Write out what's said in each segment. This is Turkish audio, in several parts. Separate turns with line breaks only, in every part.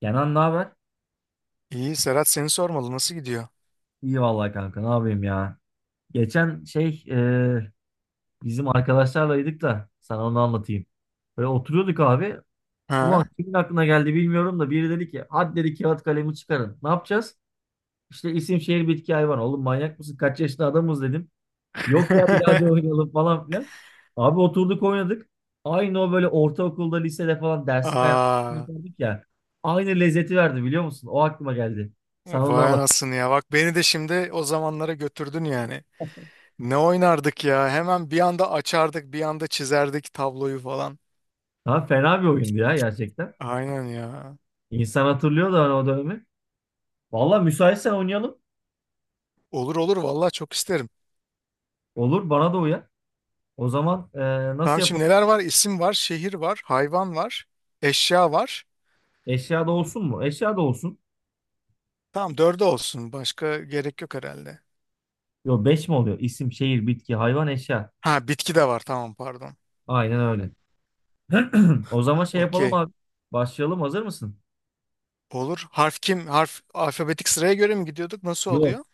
Kenan ne haber?
İyi Serhat, seni sormalı, nasıl gidiyor?
İyi vallahi kanka ne yapayım ya. Geçen şey bizim arkadaşlarlaydık da sana onu anlatayım. Böyle oturuyorduk abi.
Ha?
Ulan kimin aklına geldi bilmiyorum da biri dedi ki hadi dedi kağıt kalemi çıkarın. Ne yapacağız? İşte isim şehir bitki hayvan. Oğlum manyak mısın? Kaç yaşında adamız dedim. Yok ya bir daha hadi oynayalım falan filan. Abi oturduk oynadık. Aynı o böyle ortaokulda lisede falan dersi
Aa,
kaynattık ya. Aynı lezzeti verdi biliyor musun? O aklıma geldi. Sana onu
vay
anlat.
anasını ya, bak beni de şimdi o zamanlara götürdün yani. Ne oynardık ya, hemen bir anda açardık, bir anda çizerdik tabloyu falan.
Ha, fena bir oyundu ya gerçekten.
Aynen ya.
İnsan hatırlıyor da hani o dönemi. Valla müsaitsen oynayalım.
Olur olur, vallahi çok isterim.
Olur bana da uyar. O zaman nasıl
Tamam,
yapalım?
şimdi neler var? İsim var, şehir var, hayvan var, eşya var.
Eşya da olsun mu? Eşya da olsun.
Tamam, dörde olsun, başka gerek yok herhalde.
Yo 5 mi oluyor? İsim, şehir, bitki, hayvan, eşya.
Ha, bitki de var, tamam, pardon.
Aynen öyle. O zaman şey yapalım
Okey.
abi. Başlayalım. Hazır mısın?
Olur. Harf kim? Harf alfabetik sıraya göre mi gidiyorduk? Nasıl
Yok.
oluyor?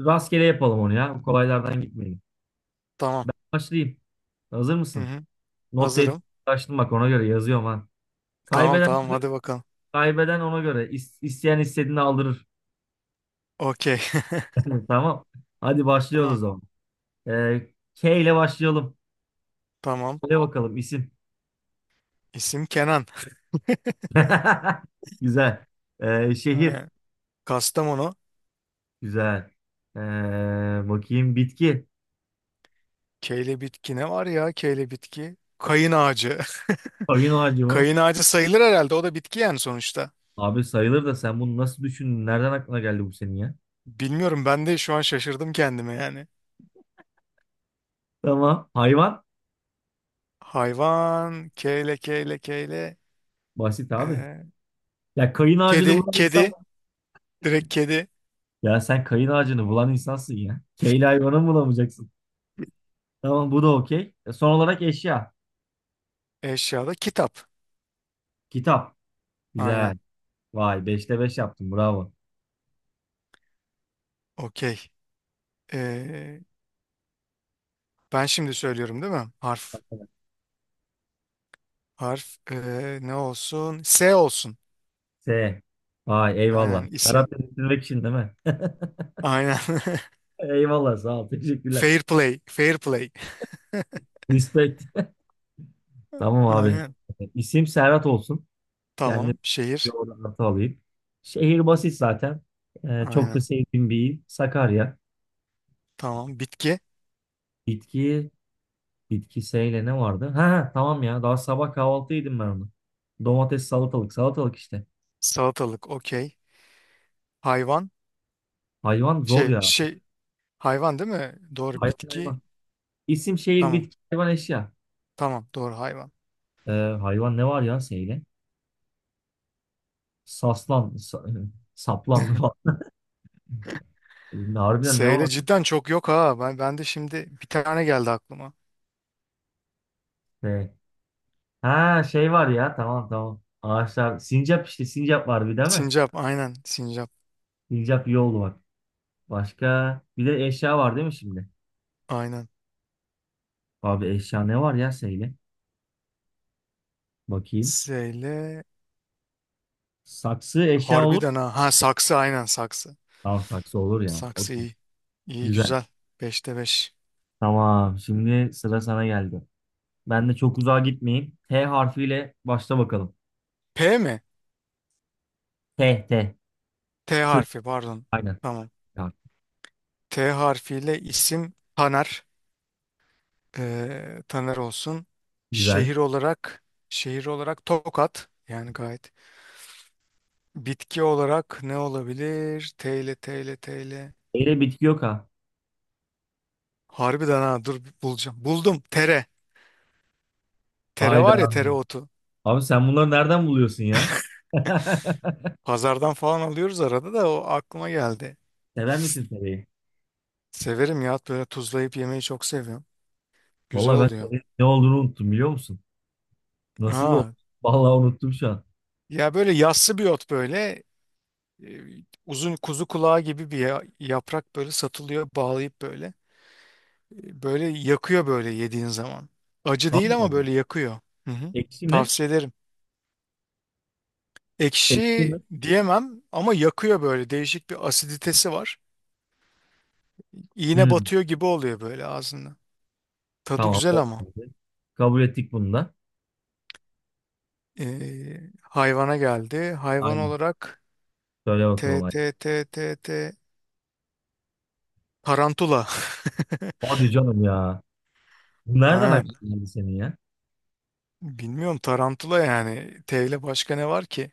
Rastgele yapalım onu ya, kolaylardan gitmeyelim.
Tamam.
Ben başlayayım. Hazır
Hı
mısın?
hı.
Not defterini
Hazırım.
açtım bak ona göre yazıyorum ha.
Tamam
Kaybeden
tamam, hadi bakalım.
kaybeden ona göre. İsteyen istediğini aldırır.
Okey.
Tamam. Hadi başlıyoruz o
Tamam.
zaman. Ee, K ile başlayalım.
Tamam.
Söyle bakalım isim.
İsim Kenan.
Güzel. Şehir.
Ee, Kastamonu.
Güzel. Ee, Bakayım, bitki.
Keyle bitki ne var ya, keyle bitki? Kayın ağacı.
Oyun ağacı mı?
Kayın ağacı sayılır herhalde. O da bitki yani sonuçta.
Abi sayılır da sen bunu nasıl düşündün? Nereden aklına geldi bu senin ya?
Bilmiyorum, ben de şu an şaşırdım kendime yani.
Tamam. Hayvan.
Hayvan. Keyle keyle keyle.
Basit abi.
Ee,
Ya kayın ağacını
kedi.
bulan insan mı?
Kedi. Direkt kedi.
Ya sen kayın ağacını bulan insansın ya. K ile hayvanı mı bulamayacaksın? Tamam, bu da okey. Son olarak eşya.
Eşyada kitap.
Kitap.
Aynen.
Güzel. Vay, beşte 5 yaptın. Bravo.
Okey. Ee, ben şimdi söylüyorum değil mi? Harf. Harf ne olsun? S olsun.
S. Vay, eyvallah.
Aynen, isim.
Serhat dedirtmek için değil mi?
Aynen.
Eyvallah, sağ ol. Teşekkürler.
Fair play. Fair play.
Respect. Tamam abi.
Aynen.
İsim Serhat olsun. Kendim
Tamam.
bir
Şehir.
orada artı alayım. Şehir basit zaten. Çok da
Aynen.
sevdiğim bir il. Sakarya.
Tamam. Bitki.
Bitki, bitki seyle ne vardı? Ha, tamam ya. Daha sabah kahvaltı yedim ben onu. Domates, salatalık. Salatalık işte.
Salatalık. Okey. Hayvan.
Hayvan zor
Şey
ya.
şey. Hayvan değil mi? Doğru.
Hayvan
Bitki.
hayvan. İsim, şehir,
Tamam.
bitki, hayvan, eşya.
Tamam. Doğru. Hayvan.
Hayvan ne var ya seyle? Saslan, sa, Saplan falan.
S
Harbiden ne
ile
var?
cidden çok yok ha. Ben de şimdi bir tane geldi aklıma.
Şey. Ha, şey var ya, tamam tamam. Ağaçlar. Sincap işte, sincap var bir, değil mi?
Sincap. Aynen. Sincap.
Sincap iyi oldu bak. Başka bir de eşya var değil mi şimdi?
Aynen.
Abi eşya ne var ya Seyle? Bakayım.
S ile
Saksı eşya olur mu?
harbiden ha. Ha, saksı. Aynen, saksı.
Tamam, saksı olur ya.
Saksı
Okey.
iyi. İyi,
Güzel.
güzel. Beşte 5.
Tamam, şimdi sıra sana geldi. Ben de çok uzağa gitmeyeyim. T harfiyle başla bakalım.
P mi?
T T.
T
T.
harfi, pardon.
Aynen.
Tamam.
Ya,
T harfiyle isim Taner. Taner olsun.
güzel.
Şehir olarak şehir olarak Tokat. Yani gayet. Bitki olarak ne olabilir? T ile, T ile, T ile.
Eyle bitki yok ha.
Harbiden ha, dur bulacağım. Buldum. Tere. Tere var ya,
Hayda.
tereotu.
Abi sen bunları nereden buluyorsun ya?
Pazardan falan alıyoruz arada, da o aklıma geldi.
Sever misin tereyi?
Severim ya, böyle tuzlayıp yemeyi çok seviyorum. Güzel
Vallahi ben
oluyor.
tereyi ne olduğunu unuttum, biliyor musun? Nasıl bir oldu?
Aa.
Vallahi unuttum şu an.
Ya böyle yassı bir ot böyle, e, uzun kuzu kulağı gibi bir yaprak, böyle satılıyor bağlayıp böyle. E, Böyle yakıyor böyle yediğin zaman. Acı
Tamam
değil ama
mı?
böyle yakıyor. Hı hı.
Ekşi mi?
Tavsiye ederim.
Ekşi mi?
Ekşi diyemem ama yakıyor, böyle değişik bir asiditesi var. İğne
Hmm,
batıyor gibi oluyor böyle ağzında. Tadı
tamam.
güzel
O
ama.
geldi. Kabul ettik bunu da.
Hayvana geldi. Hayvan
Aynen.
olarak
Söyle bakalım
T
hadi.
T T T T, tarantula.
Hadi canım ya. Bu nereden
Aynen.
aklına geldi senin ya?
Bilmiyorum, tarantula yani. T ile başka ne var ki?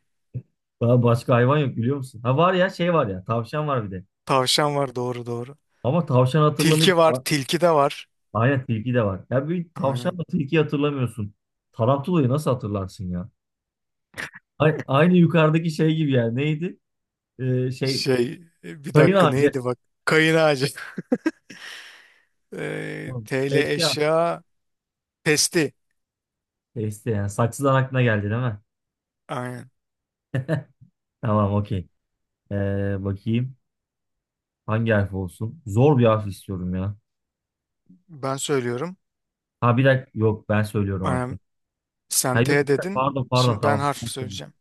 Daha başka hayvan yok, biliyor musun? Ha, var ya, şey var ya. Tavşan var bir de.
Tavşan var, doğru doğru.
Ama tavşan hatırlamayıp
Tilki var. Tilki de var.
Aynen tilki de var. Ya bir
Aynen.
tavşanla tilkiyi hatırlamıyorsun. Tarantulayı nasıl hatırlarsın ya? Aynı yukarıdaki şey gibi yani. Neydi? Şey,
Şey, bir
kayın
dakika
ağacı.
neydi bak. Kayın ağacı.
Tamam.
T ile
Eşya.
eşya. Testi.
Este yani. Saksıdan aklına geldi değil mi?
Aynen.
Tamam, okey. Bakayım. Hangi harf olsun? Zor bir harf istiyorum ya.
Ben söylüyorum.
Ha, bir dakika. Yok, ben söylüyorum harfi.
Aynen. Sen
Ha yok
T
işte,
dedin.
pardon pardon
Şimdi ben
tamam.
harf
Sen söyle.
söyleyeceğim.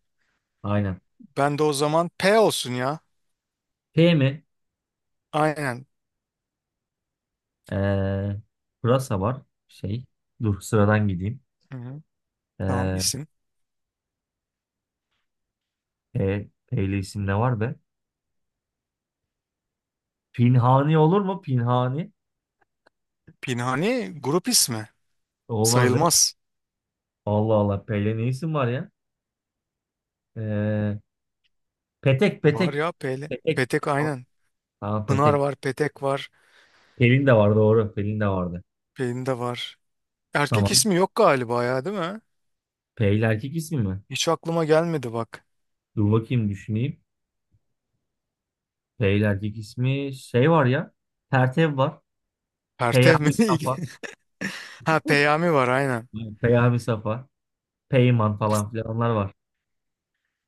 Aynen.
Ben de o zaman P olsun ya.
P mi?
Aynen.
Ee, Pırasa var. Şey. Dur, sıradan gideyim.
Hı-hı. Tamam,
Ee,
isim.
P'li isim ne var be? Pinhani olur mu? Pinhani.
Pinhani grup ismi.
Olmaz ya.
Sayılmaz.
Allah Allah. P'li ne isim var ya? Ee, Petek,
Var
petek.
ya P'li.
Petek.
Petek, aynen.
Tamam,
Pınar
petek.
var, Petek var,
Pelin de var doğru. Pelin de vardı.
Pelin de var. Erkek
Tamam.
ismi yok galiba ya, değil mi?
P ile erkek ismi mi?
Hiç aklıma gelmedi bak.
Dur bakayım, düşüneyim. P ile erkek ismi, şey var ya. Pertev var.
Pertev mi?
Peyami
İyi-
Safa.
Ha, Peyami var, aynen.
Peyami Safa. Peyman falan filan, onlar var.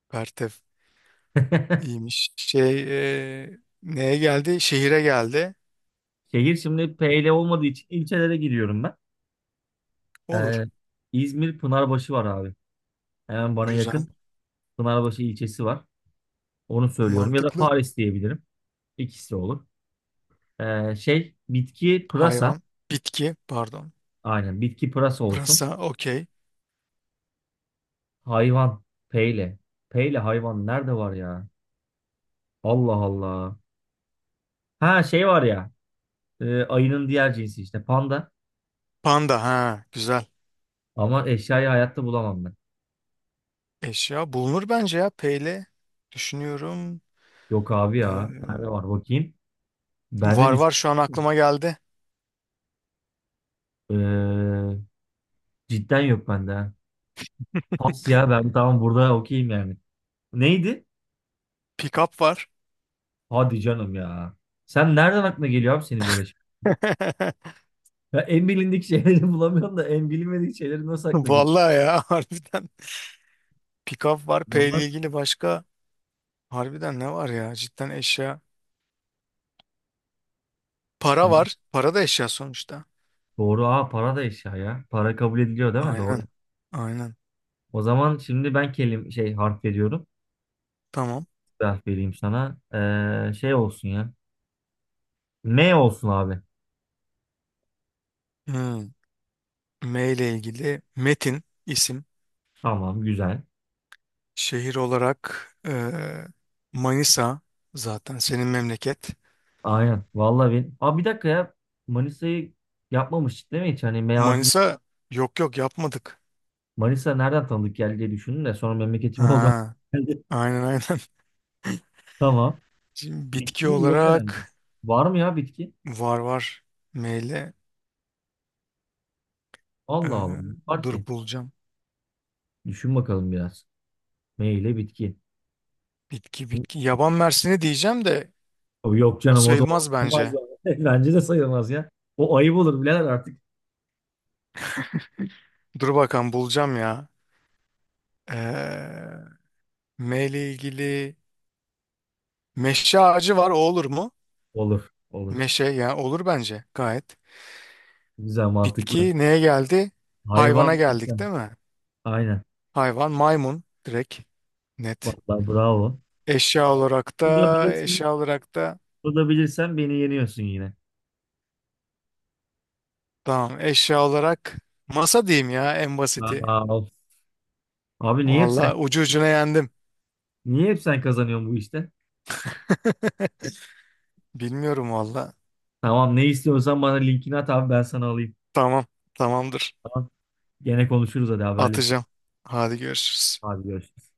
Pertev. İyiymiş. Şey, neye geldi? Şehire geldi.
Şehir şimdi P ile olmadığı için ilçelere giriyorum ben.
Olur.
Ee, İzmir Pınarbaşı var abi. Hemen bana
Güzel.
yakın Pınarbaşı ilçesi var. Onu söylüyorum. Ya da
Mantıklı.
Paris diyebilirim. İkisi olur. Şey, bitki pırasa.
Hayvan. Bitki. Pardon.
Aynen, bitki pırasa olsun.
Pırasa. Okey.
Hayvan peyle. Peyle hayvan nerede var ya? Allah Allah. Ha, şey var ya. Ayının diğer cinsi işte, panda.
Panda. Ha, güzel.
Ama eşyayı hayatta bulamam ben.
Eşya. Bulunur bence ya. Peyle. Düşünüyorum.
Yok abi ya. Nerede
Ee,
var bakayım. Bende
var
düş.
var, şu an aklıma geldi.
Ee, Cidden yok bende ha. Pas ya, ben tamam, burada okeyim yani. Neydi?
Pick up var.
Hadi canım ya. Sen nereden aklına geliyor abi senin böyle şey? Ya en bilindik şeyleri bulamıyorsun da en bilinmedik şeyleri nasıl aklına
Vallahi ya, harbiden. Pikaf var. P
zaman
ile ilgili başka harbiden ne var ya? Cidden eşya. Para
şimdi
var. Para da eşya sonuçta.
doğru. Aa, para da eşya ya. Para kabul ediliyor değil mi? Doğru.
Aynen. Aynen.
O zaman şimdi ben kelim şey harf veriyorum.
Tamam.
Bir harf vereyim sana. Şey olsun ya. M olsun abi.
Hmm. M ile ilgili Metin isim.
Tamam, güzel.
Şehir olarak Manisa zaten senin memleket.
Aynen. Vallahi ben. Aa, bir dakika ya. Manisa'yı yapmamıştık değil mi hiç? Hani M harfi
Manisa yok yok, yapmadık.
Manisa nereden tanıdık geldi diye düşündüm de sonra memleketim oldu.
Ha,
Geldi.
aynen aynen.
Tamam.
Şimdi bitki
Bitki yok herhalde.
olarak
Var mı ya bitki?
var var. M
Allah Allah.
eee,
Var ki.
dur bulacağım.
Düşün bakalım biraz. M ile bitki.
Bitki bitki. Yaban mersini diyeceğim de
O yok
o
canım, o da
sayılmaz
olmaz
bence.
ya. Bence de sayılmaz ya. O ayıp olur birader artık.
Dur bakalım bulacağım ya. Ee, M ile ilgili meşe ağacı var, o olur mu?
Olur. Olur.
Meşe yani, olur bence gayet.
Güzel, mantıklı.
Bitki neye geldi? Hayvana
Hayvan işte.
geldik değil mi?
Aynen.
Hayvan maymun, direkt net.
Vallahi bravo.
Eşya olarak da
Bu da bilirsen,
eşya olarak da
bu da bilirsen beni yeniyorsun yine.
tamam eşya olarak masa diyeyim ya, en basiti.
Aa, of. Abi niye hep
Valla
sen
ucu ucuna yendim.
niye hep sen kazanıyorsun bu işte?
Bilmiyorum valla.
Tamam, ne istiyorsan bana linkini at abi, ben sana alayım.
Tamam, tamamdır,
Tamam. Gene konuşuruz, hadi
atacağım.
haberleşiriz.
Hadi görüşürüz.
Hadi görüşürüz.